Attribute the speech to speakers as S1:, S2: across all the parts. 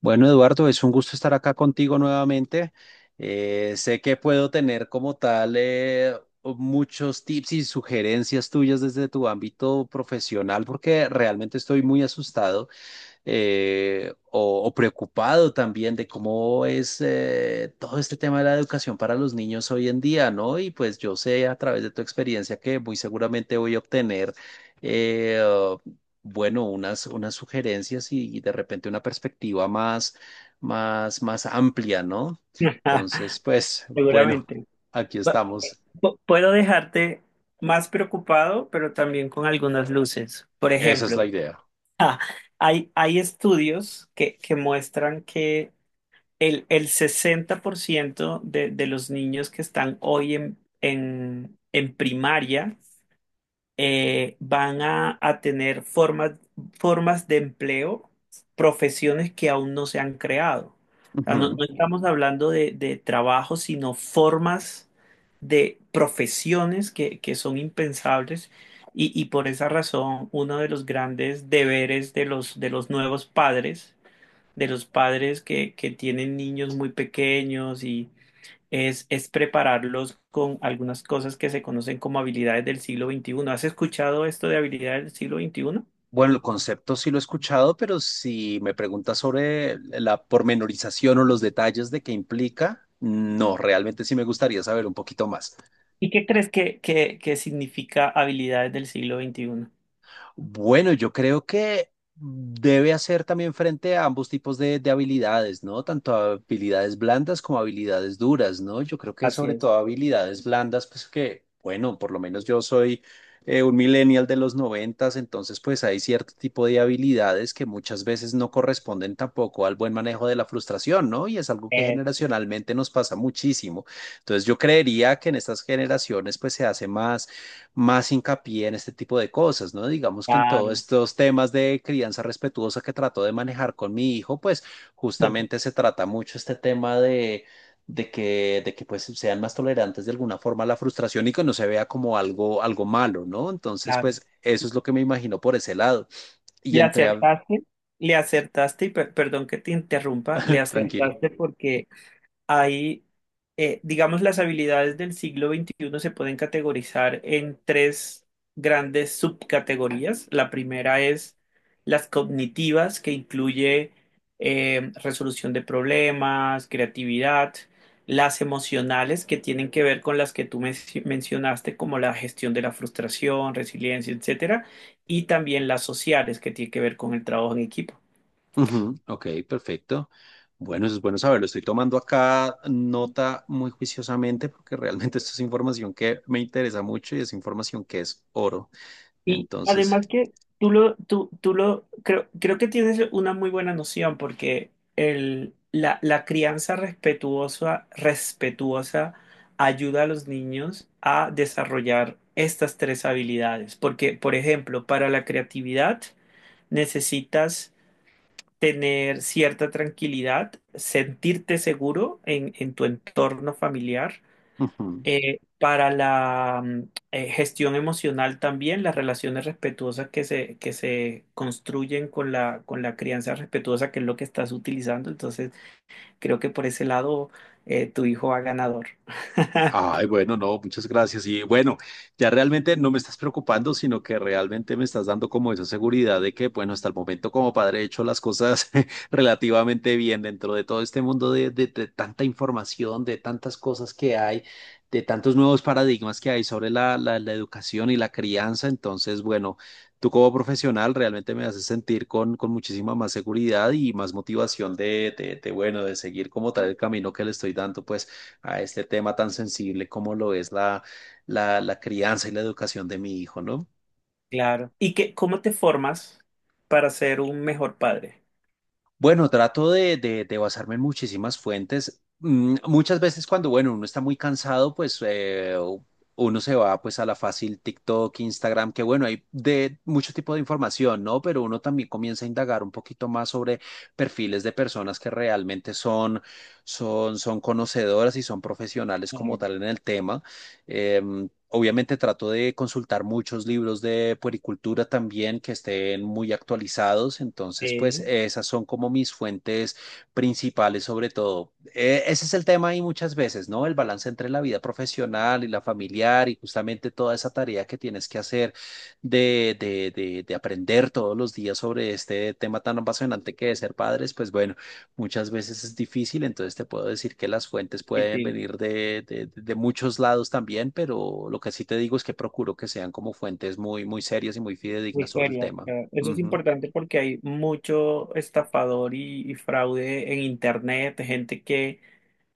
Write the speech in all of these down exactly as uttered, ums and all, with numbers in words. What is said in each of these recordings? S1: Bueno, Eduardo, es un gusto estar acá contigo nuevamente. Eh, sé que puedo tener como tal eh, muchos tips y sugerencias tuyas desde tu ámbito profesional porque realmente estoy muy asustado eh, o, o preocupado también de cómo es eh, todo este tema de la educación para los niños hoy en día, ¿no? Y pues yo sé a través de tu experiencia que muy seguramente voy a obtener, eh, bueno, unas, unas sugerencias y, y de repente una perspectiva más, más, más amplia, ¿no? Entonces, pues, bueno,
S2: Seguramente.
S1: aquí
S2: Pa-
S1: estamos.
S2: pu- Puedo dejarte más preocupado, pero también con algunas luces. Por
S1: Esa es la
S2: ejemplo,
S1: idea.
S2: ah, hay, hay estudios que, que muestran que el, el sesenta por ciento de, de los niños que están hoy en, en en primaria eh, van a, a tener formas, formas de empleo, profesiones que aún no se han creado. O sea, no,
S1: Ujú.
S2: no estamos hablando de, de trabajo, sino formas de profesiones que, que son impensables y, y por esa razón uno de los grandes deberes de los, de los nuevos padres, de los padres que, que tienen niños muy pequeños y es, es prepararlos con algunas cosas que se conocen como habilidades del siglo veintiuno. ¿Has escuchado esto de habilidades del siglo veintiuno?
S1: Bueno, el concepto sí lo he escuchado, pero si me preguntas sobre la pormenorización o los detalles de qué implica, no, realmente sí me gustaría saber un poquito más.
S2: ¿Y qué crees que, que, que significa habilidades del siglo veintiuno?
S1: Bueno, yo creo que debe hacer también frente a ambos tipos de, de habilidades, ¿no? Tanto habilidades blandas como habilidades duras, ¿no? Yo creo que
S2: Así
S1: sobre
S2: es.
S1: todo habilidades blandas, pues que, bueno, por lo menos yo soy eh, un millennial de los noventas, entonces pues hay cierto tipo de habilidades que muchas veces no corresponden tampoco al buen manejo de la frustración, ¿no? Y es algo que
S2: Eh,
S1: generacionalmente nos pasa muchísimo. Entonces yo creería que en estas generaciones pues se hace más más hincapié en este tipo de cosas, ¿no? Digamos que en todos
S2: claro,
S1: estos temas de crianza respetuosa que trato de manejar con mi hijo, pues justamente se trata mucho este tema de, de que, de que pues sean más tolerantes de alguna forma a la frustración y que no se vea como algo, algo malo, ¿no? Entonces,
S2: claro.
S1: pues eso es lo que me imagino por ese lado. Y
S2: Le
S1: entre a...
S2: acertaste, le acertaste, y per- perdón que te interrumpa, le
S1: Tranquilo.
S2: acertaste porque Hay, eh, digamos, las habilidades del siglo veintiuno se pueden categorizar en tres grandes subcategorías. La primera es las cognitivas, que incluye eh, resolución de problemas, creatividad. Las emocionales, que tienen que ver con las que tú men- mencionaste, como la gestión de la frustración, resiliencia, etcétera. Y también las sociales, que tienen que ver con el trabajo en equipo.
S1: Ujú, ok, perfecto. Bueno, eso es bueno saberlo. Estoy tomando acá nota muy juiciosamente porque realmente esto es información que me interesa mucho y es información que es oro.
S2: Y
S1: Entonces,
S2: además que tú lo, tú, tú lo, creo, creo que tienes una muy buena noción porque el, la, la crianza respetuosa, respetuosa ayuda a los niños a desarrollar estas tres habilidades. Porque, por ejemplo, para la creatividad necesitas tener cierta tranquilidad, sentirte seguro en, en tu entorno familiar.
S1: ujú.
S2: Eh, para la mm, eh, gestión emocional también, las relaciones respetuosas que se, que se construyen con la, con la crianza respetuosa, que es lo que estás utilizando. Entonces, creo que por ese lado eh, tu hijo va ganador.
S1: Ay, bueno, no, muchas gracias. Y bueno, ya realmente no me estás preocupando, sino que realmente me estás dando como esa seguridad de que, bueno, hasta el momento como padre he hecho las cosas relativamente bien dentro de todo este mundo de, de- de tanta información, de tantas cosas que hay, de tantos nuevos paradigmas que hay sobre la, la, la educación y la crianza. Entonces, bueno, tú como profesional realmente me haces sentir con, con muchísima más seguridad y más motivación de, de, de, bueno, de seguir como tal el camino que le estoy dando, pues a este tema tan sensible como lo es la, la, la crianza y la educación de mi hijo, ¿no?
S2: Claro. ¿Y qué, cómo te formas para ser un mejor padre?
S1: Bueno, trato de, de, de basarme en muchísimas fuentes. Mm, muchas veces cuando, bueno, uno está muy cansado, pues eh, uno se va pues a la fácil TikTok, Instagram, que bueno, hay de mucho tipo de información, ¿no? Pero uno también comienza a indagar un poquito más sobre perfiles de personas que realmente son, son, son conocedoras y son profesionales como
S2: Eh,
S1: tal en el tema. Em, Obviamente trato de consultar muchos libros de puericultura también que estén muy actualizados, entonces pues
S2: Sí,
S1: esas son como mis fuentes principales sobre todo. Eh, ese es el tema ahí muchas veces, ¿no? El balance entre la vida profesional y la familiar y justamente toda esa tarea que tienes que hacer de, de, de, de aprender todos los días sobre este tema tan apasionante que es ser padres, pues bueno. Muchas veces es difícil, entonces te puedo decir que las fuentes pueden
S2: difícil,
S1: venir de, de- de muchos lados también, pero lo que sí te digo es que procuro que sean como fuentes muy, muy serias y muy
S2: muy
S1: fidedignas sobre el
S2: serio.
S1: tema.
S2: Claro. Eso es
S1: Ujú.
S2: importante porque hay mucho estafador y, y fraude en internet, gente que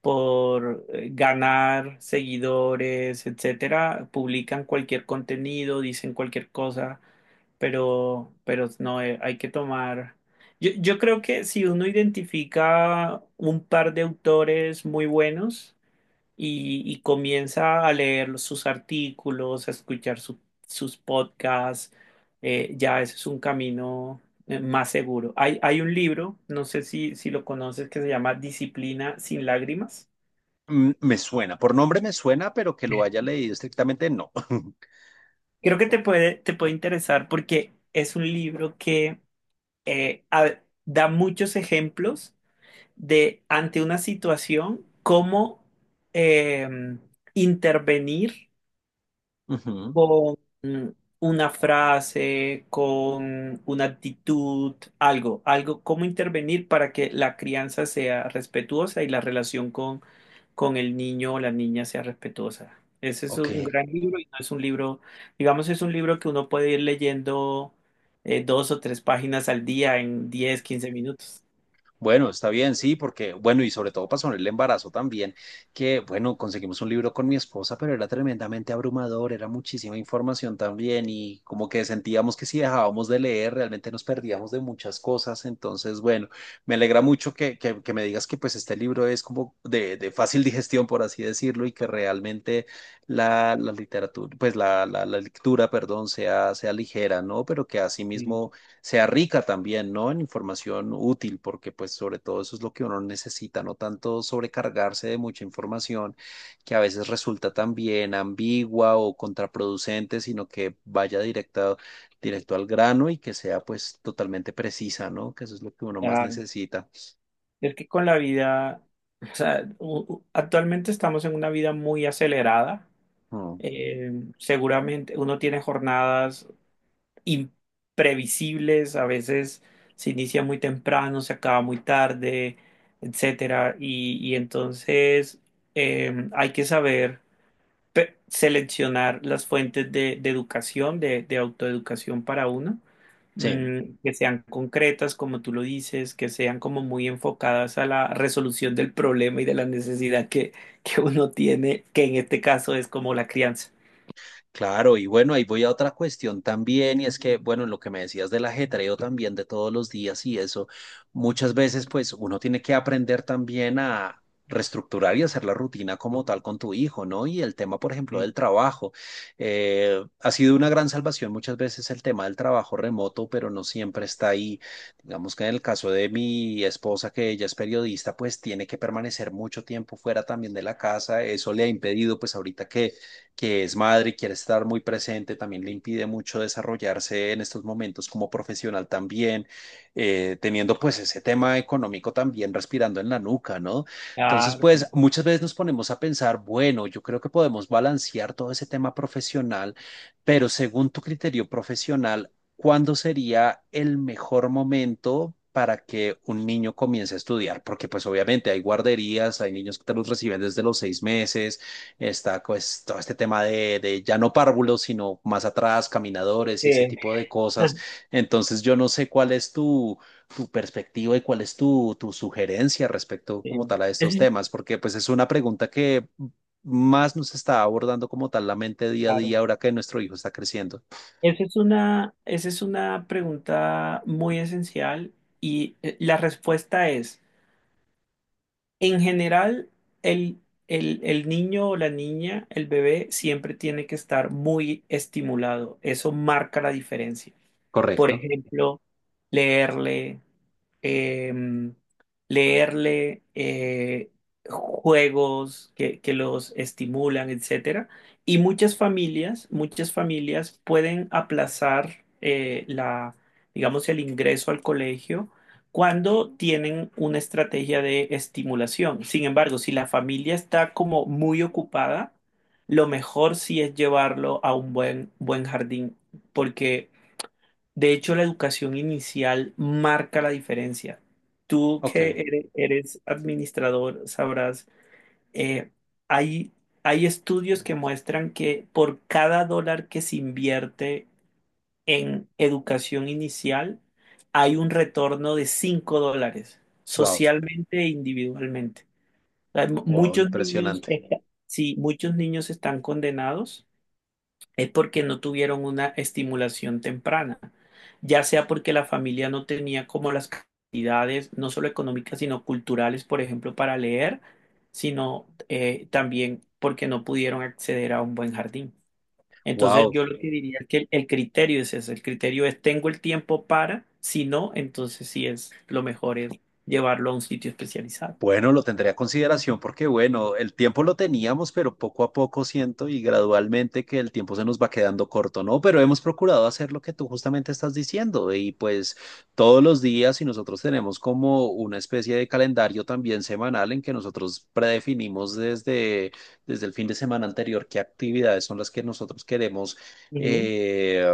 S2: por eh, ganar seguidores, etcétera, publican cualquier contenido, dicen cualquier cosa, pero, pero no, eh, hay que tomar. Yo, yo creo que si uno identifica un par de autores muy buenos y, y comienza a leer sus artículos, a escuchar su- sus podcasts, eh, ya ese es un camino eh, más seguro. Hay, hay un libro, no sé si, si lo conoces, que se llama Disciplina sin lágrimas.
S1: Mm, me suena, por nombre me suena, pero que lo haya leído estrictamente, no.
S2: Creo que te puede, te puede interesar porque es un libro que eh, a- da muchos ejemplos de ante una situación cómo eh, intervenir
S1: Ujú.
S2: con una frase, con una actitud, algo, algo, cómo intervenir para que la crianza sea respetuosa y la relación con, con el niño o la niña sea respetuosa. Ese es un
S1: Ok.
S2: gran libro y no es un libro, digamos, es un libro que uno puede ir leyendo eh, dos o tres páginas al día en diez, quince minutos.
S1: Bueno, está bien, sí, porque, bueno, y sobre todo pasó en el embarazo también, que, bueno, conseguimos un libro con mi esposa, pero era tremendamente abrumador, era muchísima información también y como que sentíamos que si dejábamos de leer, realmente nos perdíamos de muchas cosas. Entonces, bueno, me alegra mucho que, que, que me digas que pues este libro es como de, de fácil digestión, por así decirlo, y que realmente la, la literatura, pues la, la, la lectura, perdón, sea, sea ligera, ¿no? Pero que
S2: Mm,
S1: asimismo sea rica también, ¿no? En información útil, porque pues sobre todo eso es lo que uno necesita, no tanto sobrecargarse de mucha información que a veces resulta también ambigua o contraproducente, sino que vaya directa, directo al grano y que sea pues totalmente precisa, ¿no? Que eso es lo que uno más
S2: claro.
S1: necesita.
S2: Es que con la vida, o sea, u- u- actualmente estamos en una vida muy acelerada.
S1: Mm,
S2: Eh, seguramente uno tiene jornadas imprevisibles, a veces se inicia muy temprano, se acaba muy tarde, etcétera. Y, y entonces eh, hay que saber pe- seleccionar las fuentes de, de educación, de, de autoeducación para uno,
S1: sí.
S2: mm, que sean concretas, como tú lo dices, que sean como muy enfocadas a la resolución del problema y de la necesidad que, que uno tiene, que en este caso es como la crianza.
S1: Claro, y bueno, ahí voy a otra cuestión también, y es que, bueno, en lo que me decías del ajetreo también de todos los días y eso, muchas veces pues uno tiene que aprender también a reestructurar y hacer la rutina como tal con tu hijo, ¿no? Y el tema, por ejemplo, del trabajo. Eh, ha sido una gran salvación muchas veces el tema del trabajo remoto, pero no siempre está ahí. Digamos que en el caso de mi esposa, que ella es periodista, pues tiene que permanecer mucho tiempo fuera también de la casa. Eso le ha impedido, pues ahorita que que es madre y quiere estar muy presente, también le impide mucho desarrollarse en estos momentos como profesional también, eh, teniendo pues ese tema económico también respirando en la nuca, ¿no? Entonces, pues
S2: Claro,
S1: muchas veces nos ponemos a pensar, bueno, yo creo que podemos balancear todo ese tema profesional, pero según tu criterio profesional, ¿cuándo sería el mejor momento para que un niño comience a estudiar? Porque pues obviamente hay guarderías, hay niños que te los reciben desde los seis meses. Está pues todo este tema de, de ya no párvulos, sino más atrás, caminadores y ese
S2: sí,
S1: tipo de cosas. Entonces yo no sé cuál es tu, tu perspectiva y cuál es tu, tu sugerencia respecto
S2: sí,
S1: como tal a estos
S2: es-
S1: temas, porque pues es una pregunta que más nos está abordando como tal la mente día a
S2: claro.
S1: día ahora que nuestro hijo está creciendo.
S2: Esa es una, esa es una pregunta muy esencial y eh, la respuesta es, en general, el, el, el niño o la niña, el bebé, siempre tiene que estar muy estimulado. Eso marca la diferencia. Por
S1: Correcto.
S2: ejemplo, leerle. eh, leerle eh, juegos que, que los estimulan, etcétera. Y muchas familias, muchas familias pueden aplazar eh, la, digamos, el ingreso al colegio cuando tienen una estrategia de estimulación. Sin embargo, si la familia está como muy ocupada, lo mejor sí es llevarlo a un buen, buen jardín, porque de hecho, la educación inicial marca la diferencia. Tú que
S1: Ok,
S2: ere- eres administrador sabrás, eh, hay, hay estudios que muestran que por cada dólar que se invierte en educación inicial, hay un retorno de cinco dólares,
S1: wow,
S2: socialmente e individualmente. O sea, mu-
S1: wow,
S2: muchos niños,
S1: impresionante.
S2: está- sí, muchos niños están condenados es porque no tuvieron una estimulación temprana, ya sea porque la familia no tenía como las capacidades, no solo económicas, sino culturales, por ejemplo, para leer, sino eh, también porque no pudieron acceder a un buen jardín. Entonces
S1: Wow,
S2: yo lo que diría es que el, el criterio es ese, el criterio es tengo el tiempo para, si no, entonces sí es lo mejor es llevarlo a un sitio especializado.
S1: bueno, lo tendré a consideración porque, bueno, el tiempo lo teníamos, pero poco a poco siento y gradualmente que el tiempo se nos va quedando corto, ¿no? Pero hemos procurado hacer lo que tú justamente estás diciendo y pues todos los días y nosotros tenemos como una especie de calendario también semanal en que nosotros predefinimos desde, desde el fin de semana anterior qué actividades son las que nosotros queremos.
S2: Ujú.
S1: eh,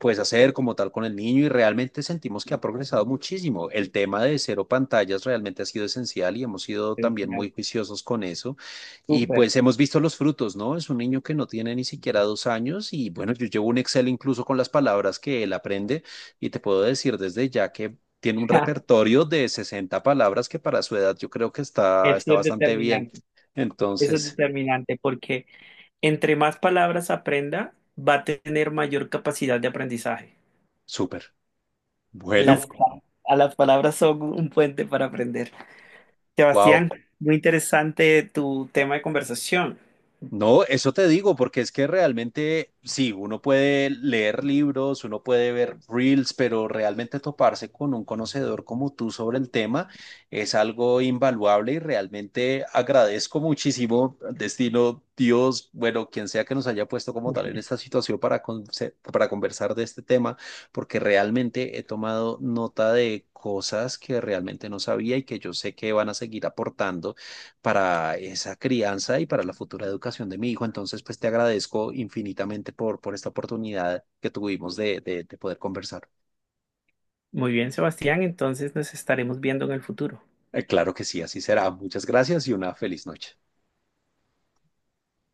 S1: pues hacer como tal con el niño y realmente sentimos que ha progresado muchísimo. El tema de cero pantallas realmente ha sido esencial y hemos sido también
S2: Genial.
S1: muy juiciosos con eso y
S2: Súper.
S1: pues hemos visto los frutos, ¿no? Es un niño que no tiene ni siquiera dos años y bueno, yo llevo un Excel incluso con las palabras que él aprende y te puedo decir desde ya que... Tiene un repertorio de sesenta palabras que para su edad yo creo que está,
S2: Eso
S1: está
S2: es
S1: bastante bien.
S2: determinante, eso es
S1: Entonces,
S2: determinante porque entre más palabras aprenda, va a tener mayor capacidad de aprendizaje.
S1: súper.
S2: Las,
S1: Bueno,
S2: a las palabras son un puente para aprender.
S1: wow,
S2: Sebastián, muy interesante tu tema de conversación.
S1: no, eso te digo, porque es que realmente, sí, uno puede leer libros, uno puede ver reels, pero realmente toparse con un conocedor como tú sobre el tema es algo invaluable y realmente agradezco muchísimo, destino, Dios, bueno, quien sea que nos haya puesto como tal en esta situación para, conse- para conversar de este tema, porque realmente he tomado nota de cosas que realmente no sabía y que yo sé que van a seguir aportando para esa crianza y para la futura educación de mi hijo. Entonces, pues te agradezco infinitamente por, por esta oportunidad que tuvimos de, de, de poder conversar.
S2: Muy bien, Sebastián, entonces nos estaremos viendo en el futuro.
S1: Eh, claro que sí, así será. Muchas gracias y una feliz noche.